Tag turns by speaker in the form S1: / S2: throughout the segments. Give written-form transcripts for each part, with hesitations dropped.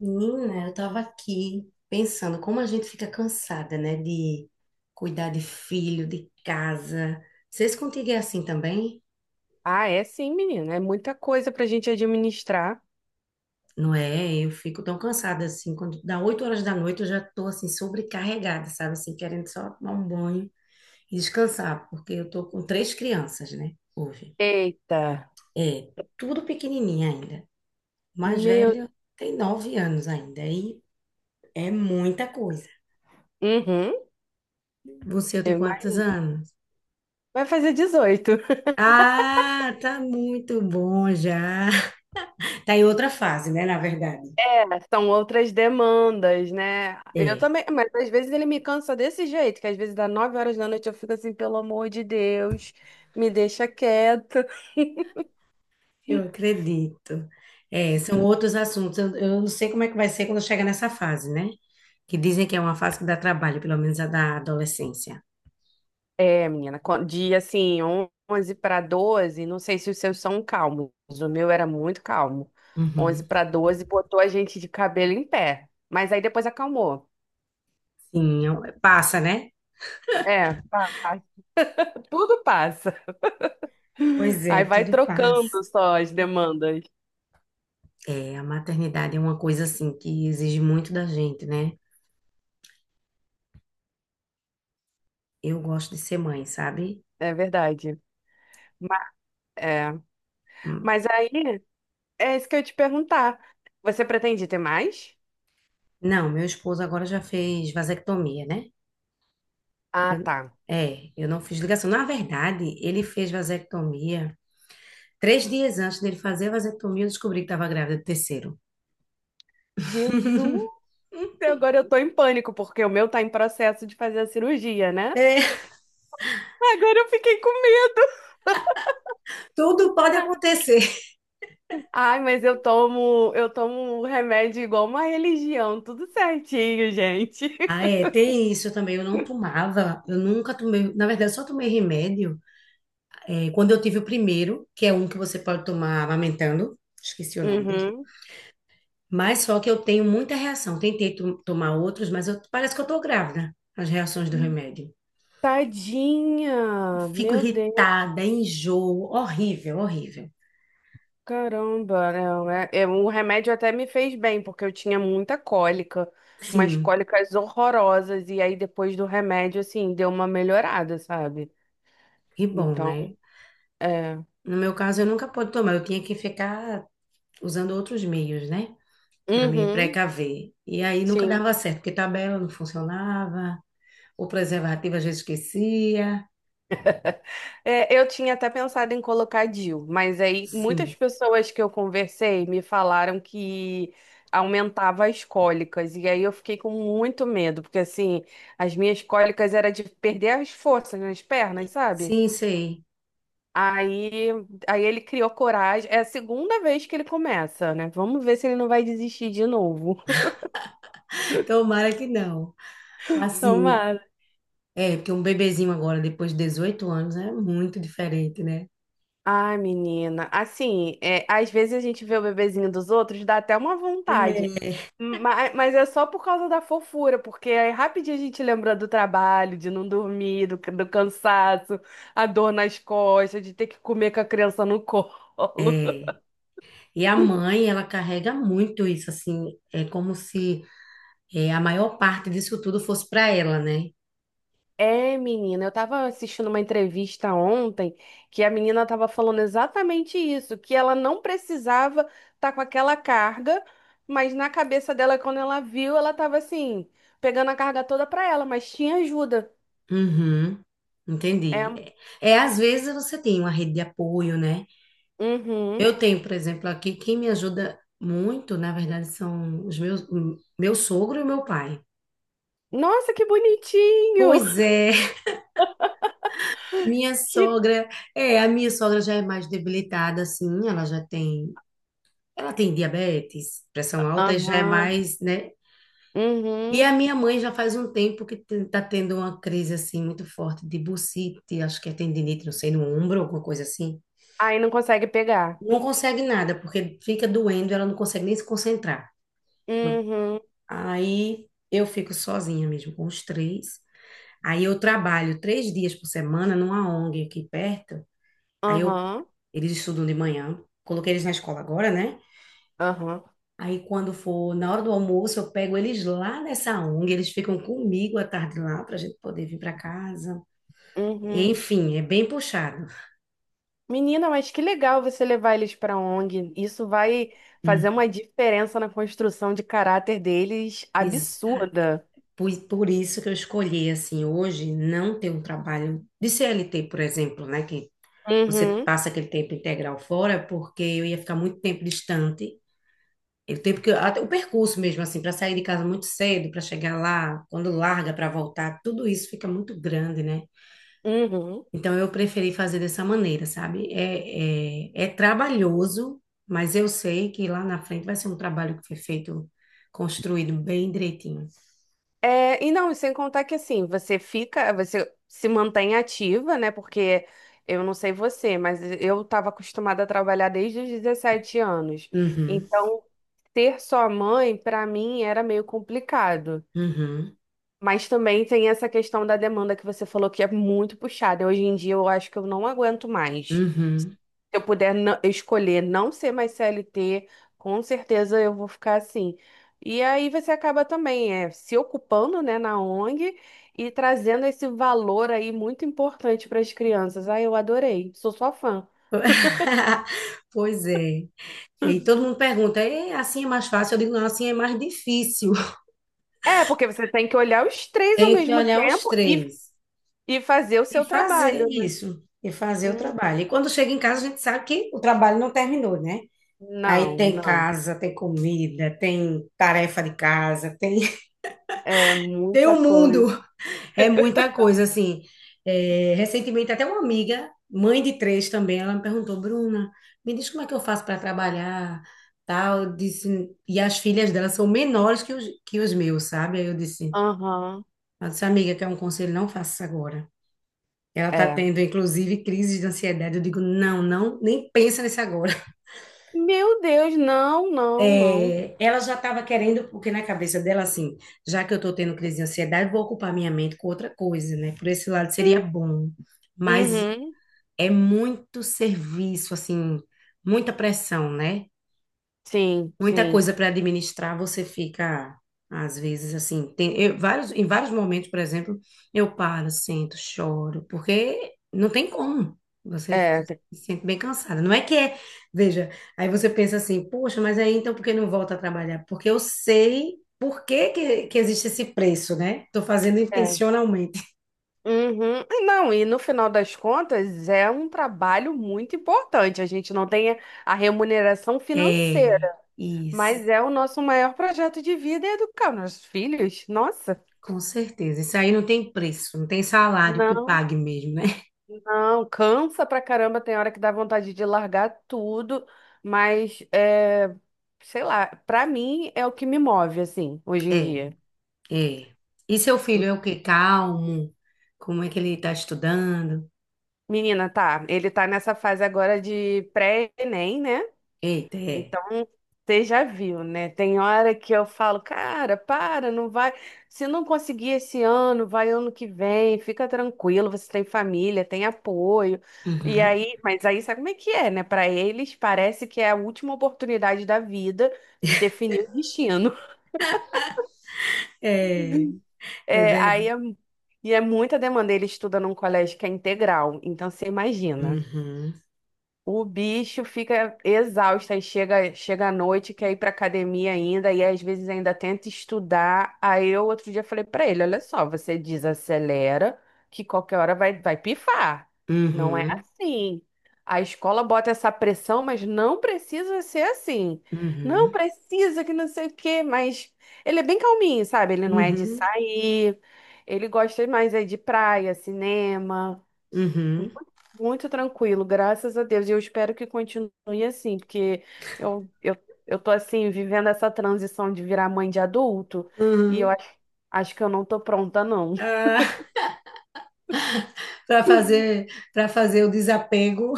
S1: Menina, eu tava aqui pensando como a gente fica cansada, né, de cuidar de filho, de casa. Vocês contigo é assim também?
S2: Ah, é sim, menina. É muita coisa pra gente administrar.
S1: Não é? Eu fico tão cansada assim, quando dá 8 horas da noite eu já tô assim sobrecarregada, sabe? Assim, querendo só tomar um banho e descansar, porque eu tô com três crianças, né, hoje.
S2: Eita,
S1: É, tudo pequenininha ainda. O mais
S2: meu.
S1: velho tem nove anos ainda, e é muita coisa.
S2: Uhum,
S1: Você tem
S2: eu
S1: quantos
S2: imagino.
S1: anos?
S2: Vai fazer 18.
S1: Ah, tá muito bom já. Tá em outra fase, né, na verdade.
S2: É, são outras demandas, né? Eu
S1: É.
S2: também, mas às vezes ele me cansa desse jeito, que às vezes dá 9 horas da noite eu fico assim, pelo amor de Deus, me deixa quieto.
S1: Eu acredito. É, são outros assuntos. Eu não sei como é que vai ser quando chega nessa fase, né? Que dizem que é uma fase que dá trabalho, pelo menos a da adolescência.
S2: É, menina, 11 para 12. Não sei se os seus são calmos, o meu era muito calmo. 11
S1: Uhum.
S2: para 12 botou a gente de cabelo em pé, mas aí depois acalmou.
S1: Sim, é um, passa, né?
S2: É, passa. Tudo passa.
S1: Pois é,
S2: Aí vai
S1: tudo passa.
S2: trocando só as demandas.
S1: É, a maternidade é uma coisa assim que exige muito da gente, né? Eu gosto de ser mãe, sabe?
S2: É verdade. Mas, é.
S1: Hum.
S2: Mas aí, é isso que eu ia te perguntar. Você pretende ter mais?
S1: Não, meu esposo agora já fez vasectomia, né?
S2: Ah,
S1: Eu-
S2: tá.
S1: eu não fiz ligação. Na verdade, ele fez vasectomia. Três dias antes dele fazer a vasectomia, eu descobri que estava grávida do terceiro.
S2: Jesus! Agora eu tô em pânico, porque o meu tá em processo de fazer a cirurgia, né?
S1: É,
S2: Agora eu fiquei com medo.
S1: tudo pode acontecer.
S2: Ai, mas eu tomo um remédio igual uma religião, tudo certinho, gente.
S1: Ah, é, tem isso também. Eu não tomava, eu nunca tomei. Na verdade, eu só tomei remédio quando eu tive o primeiro, que é um que você pode tomar amamentando. Esqueci o nome dele.
S2: Uhum.
S1: Mas só que eu tenho muita reação. Tentei tomar outros, mas parece que eu tô grávida. As reações do remédio.
S2: Tadinha,
S1: Fico
S2: meu.
S1: irritada, enjoo, horrível, horrível.
S2: Caramba, não, é, o remédio até me fez bem, porque eu tinha muita cólica, umas
S1: Sim,
S2: cólicas horrorosas, e aí depois do remédio, assim, deu uma melhorada, sabe?
S1: que bom,
S2: Então,
S1: né?
S2: é.
S1: No meu caso, eu nunca pude tomar, eu tinha que ficar usando outros meios, né? Para me
S2: Uhum,
S1: precaver. E aí nunca
S2: sim.
S1: dava certo, porque tabela não funcionava, o preservativo às vezes esquecia.
S2: É, eu tinha até pensado em colocar DIU, mas aí muitas
S1: Sim,
S2: pessoas que eu conversei me falaram que aumentava as cólicas, e aí eu fiquei com muito medo, porque assim, as minhas cólicas era de perder as forças nas pernas, sabe?
S1: sim, sei.
S2: Aí, aí ele criou coragem. É a segunda vez que ele começa, né? Vamos ver se ele não vai desistir de novo.
S1: Tomara que não. Assim,
S2: Tomara.
S1: porque um bebezinho agora, depois de 18 anos, é muito diferente, né?
S2: Ai, menina. Assim, é, às vezes a gente vê o bebezinho dos outros, dá até uma vontade.
S1: É,
S2: Mas é só por causa da fofura, porque aí rapidinho a gente lembra do trabalho, de não dormir, do cansaço, a dor nas costas, de ter que comer com a criança no colo.
S1: é. E a mãe, ela carrega muito isso, assim, é como se a maior parte disso tudo fosse para ela, né?
S2: É, menina, eu tava assistindo uma entrevista ontem que a menina tava falando exatamente isso, que ela não precisava estar com aquela carga, mas na cabeça dela, quando ela viu, ela tava assim, pegando a carga toda pra ela, mas tinha ajuda.
S1: Uhum,
S2: É.
S1: entendi. É, é, às vezes você tem uma rede de apoio, né?
S2: Uhum.
S1: Eu tenho, por exemplo, aqui, quem me ajuda muito, na verdade, são meu sogro e meu pai.
S2: Nossa, que bonitinho!
S1: Pois é, minha
S2: Que...
S1: sogra, a minha sogra já é mais debilitada, assim, ela tem diabetes, pressão alta, e já é
S2: Aham.
S1: mais, né? E
S2: Uhum.
S1: a minha mãe já faz um tempo que tá tendo uma crise, assim, muito forte de bursite, acho que é tendinite, não sei, no ombro, alguma coisa assim.
S2: Aí não consegue pegar.
S1: Não consegue nada, porque fica doendo, ela não consegue nem se concentrar.
S2: Uhum.
S1: Aí eu fico sozinha mesmo, com os três. Aí eu trabalho três dias por semana numa ONG aqui perto. Aí eu,
S2: Aham.
S1: Eles estudam de manhã, coloquei eles na escola agora, né?
S2: Aham.
S1: Aí quando for na hora do almoço, eu pego eles lá nessa ONG, eles ficam comigo à tarde lá para a gente poder vir para casa.
S2: Uhum.
S1: Enfim, é bem puxado.
S2: Menina, mas que legal você levar eles para ONG. Isso vai fazer
S1: Hum.
S2: uma diferença na construção de caráter deles absurda.
S1: Por isso que eu escolhi, assim, hoje não ter um trabalho de CLT, por exemplo, né? Que você
S2: Uhum,
S1: passa aquele tempo integral fora, porque eu ia ficar muito tempo distante. E o tempo que até o percurso mesmo, assim, para sair de casa muito cedo, para chegar lá, quando larga para voltar, tudo isso fica muito grande, né?
S2: uhum.
S1: Então eu preferi fazer dessa maneira, sabe? É trabalhoso, mas eu sei que lá na frente vai ser um trabalho que foi feito, construído bem direitinho.
S2: É, e não, sem contar que assim, você fica, você se mantém ativa, né? Porque eu não sei você, mas eu estava acostumada a trabalhar desde os 17 anos.
S1: Uhum,
S2: Então, ter só mãe, para mim, era meio complicado.
S1: uhum.
S2: Mas também tem essa questão da demanda que você falou que é muito puxada. Hoje em dia eu acho que eu não aguento mais. Se
S1: Uhum.
S2: eu puder escolher não ser mais CLT, com certeza eu vou ficar assim. E aí você acaba também é, se ocupando, né, na ONG e trazendo esse valor aí muito importante para as crianças. Ah, eu adorei, sou sua fã.
S1: Pois é. E todo mundo pergunta, "É, assim é mais fácil?" Eu digo, não, assim é mais difícil.
S2: É, porque você tem que olhar os três ao
S1: Tenho que
S2: mesmo
S1: olhar os
S2: tempo e,
S1: três
S2: e fazer o
S1: e
S2: seu
S1: fazer
S2: trabalho, né?
S1: isso, e fazer o
S2: Hum,
S1: trabalho. E quando chega em casa, a gente sabe que o trabalho não terminou, né? Aí
S2: não,
S1: tem
S2: não.
S1: casa, tem comida, tem tarefa de casa, tem,
S2: É
S1: tem
S2: muita
S1: o
S2: coisa.
S1: mundo. É muita coisa, assim. É, recentemente, até uma amiga, mãe de três também, ela me perguntou, Bruna, me diz como é que eu faço para trabalhar, tal. Eu disse, e as filhas dela são menores que os meus, sabe?
S2: Aham.
S1: Ela disse, amiga, quer um conselho? Não faça isso agora. Ela está
S2: É.
S1: tendo, inclusive, crises de ansiedade. Eu digo, não, não, nem pensa nisso agora.
S2: Meu Deus, não, não, não.
S1: É, ela já estava querendo, porque na cabeça dela, assim, já que eu estou tendo crise de ansiedade, vou ocupar minha mente com outra coisa, né? Por esse lado seria
S2: Hum.
S1: bom. Mas
S2: Uhum.
S1: É muito serviço, assim, muita pressão, né?
S2: Sim,
S1: Muita
S2: sim.
S1: coisa para administrar, você fica, às vezes, assim, tem, em vários momentos, por exemplo, eu paro, sento, choro, porque não tem como. Você
S2: É,
S1: se sente bem cansada. Não é que é, veja, aí você pensa assim, poxa, mas aí então por que não volta a trabalhar? Porque eu sei por que que existe esse preço, né? Tô fazendo
S2: é.
S1: intencionalmente.
S2: Uhum. Não, e no final das contas é um trabalho muito importante. A gente não tem a remuneração
S1: É,
S2: financeira,
S1: isso.
S2: mas é o nosso maior projeto de vida é educar nossos filhos. Nossa.
S1: Com certeza. Isso aí não tem preço, não tem salário que
S2: Não,
S1: pague mesmo, né?
S2: não, cansa pra caramba, tem hora que dá vontade de largar tudo, mas é, sei lá, pra mim é o que me move assim, hoje em
S1: É,
S2: dia.
S1: é. E seu filho é o quê? Calmo? Como é que ele está estudando?
S2: Menina, tá. Ele tá nessa fase agora de pré-ENEM, né?
S1: Eita, é.
S2: Então, você já viu, né? Tem hora que eu falo, cara, para, não vai. Se não conseguir esse ano, vai ano que vem, fica tranquilo, você tem família, tem apoio. E
S1: Uhum.
S2: aí, mas aí sabe como é que é, né? Pra eles, parece que é a última oportunidade da vida de definir o destino.
S1: É,
S2: É,
S1: é
S2: aí
S1: verdade.
S2: e é muita demanda. Ele estuda num colégio que é integral, então você imagina.
S1: Uhum.
S2: O bicho fica exausto, aí chega à noite, quer ir pra academia ainda, e às vezes ainda tenta estudar. Aí eu outro dia falei pra ele, olha só, você desacelera que qualquer hora vai pifar. Não é
S1: Uhum.
S2: assim. A escola bota essa pressão, mas não precisa ser assim. Não
S1: Uhum.
S2: precisa que não sei o quê, mas ele é bem calminho, sabe? Ele não é de
S1: Uhum.
S2: sair, ele gosta mais é de praia, cinema. Muito
S1: Uhum.
S2: muito tranquilo, graças a Deus. E eu espero que continue assim, porque eu, eu, eu tô assim, vivendo essa transição de virar mãe de adulto, e
S1: Uhum.
S2: eu acho que eu não tô pronta, não.
S1: Ah, para fazer, para fazer o desapego.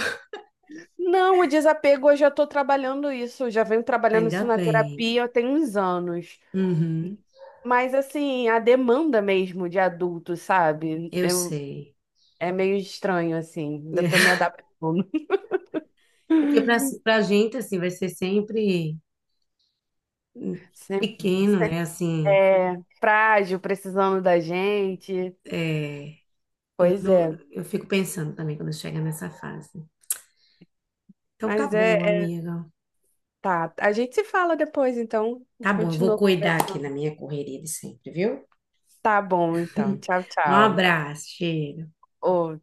S2: Não, o desapego eu já tô trabalhando isso, eu já venho trabalhando
S1: Ainda
S2: isso na
S1: bem.
S2: terapia tem uns anos.
S1: Uhum.
S2: Mas assim, a demanda mesmo de adulto, sabe?
S1: Eu sei.
S2: É meio estranho, assim, ainda tô me adaptando.
S1: É. Porque para a gente, assim, vai ser sempre
S2: Sempre,
S1: pequeno, né? Assim,
S2: é frágil, precisando da gente.
S1: é, eu
S2: Pois
S1: não,
S2: é.
S1: eu fico pensando também quando chega nessa fase. Então tá
S2: Mas é,
S1: bom,
S2: é-
S1: amiga.
S2: Tá, a gente se fala depois, então. A
S1: Tá
S2: gente
S1: bom, eu vou
S2: continua
S1: cuidar aqui na
S2: conversando.
S1: minha correria de sempre, viu?
S2: Tá bom, então. Tchau,
S1: Um
S2: tchau.
S1: abraço, cheiro.
S2: Ô,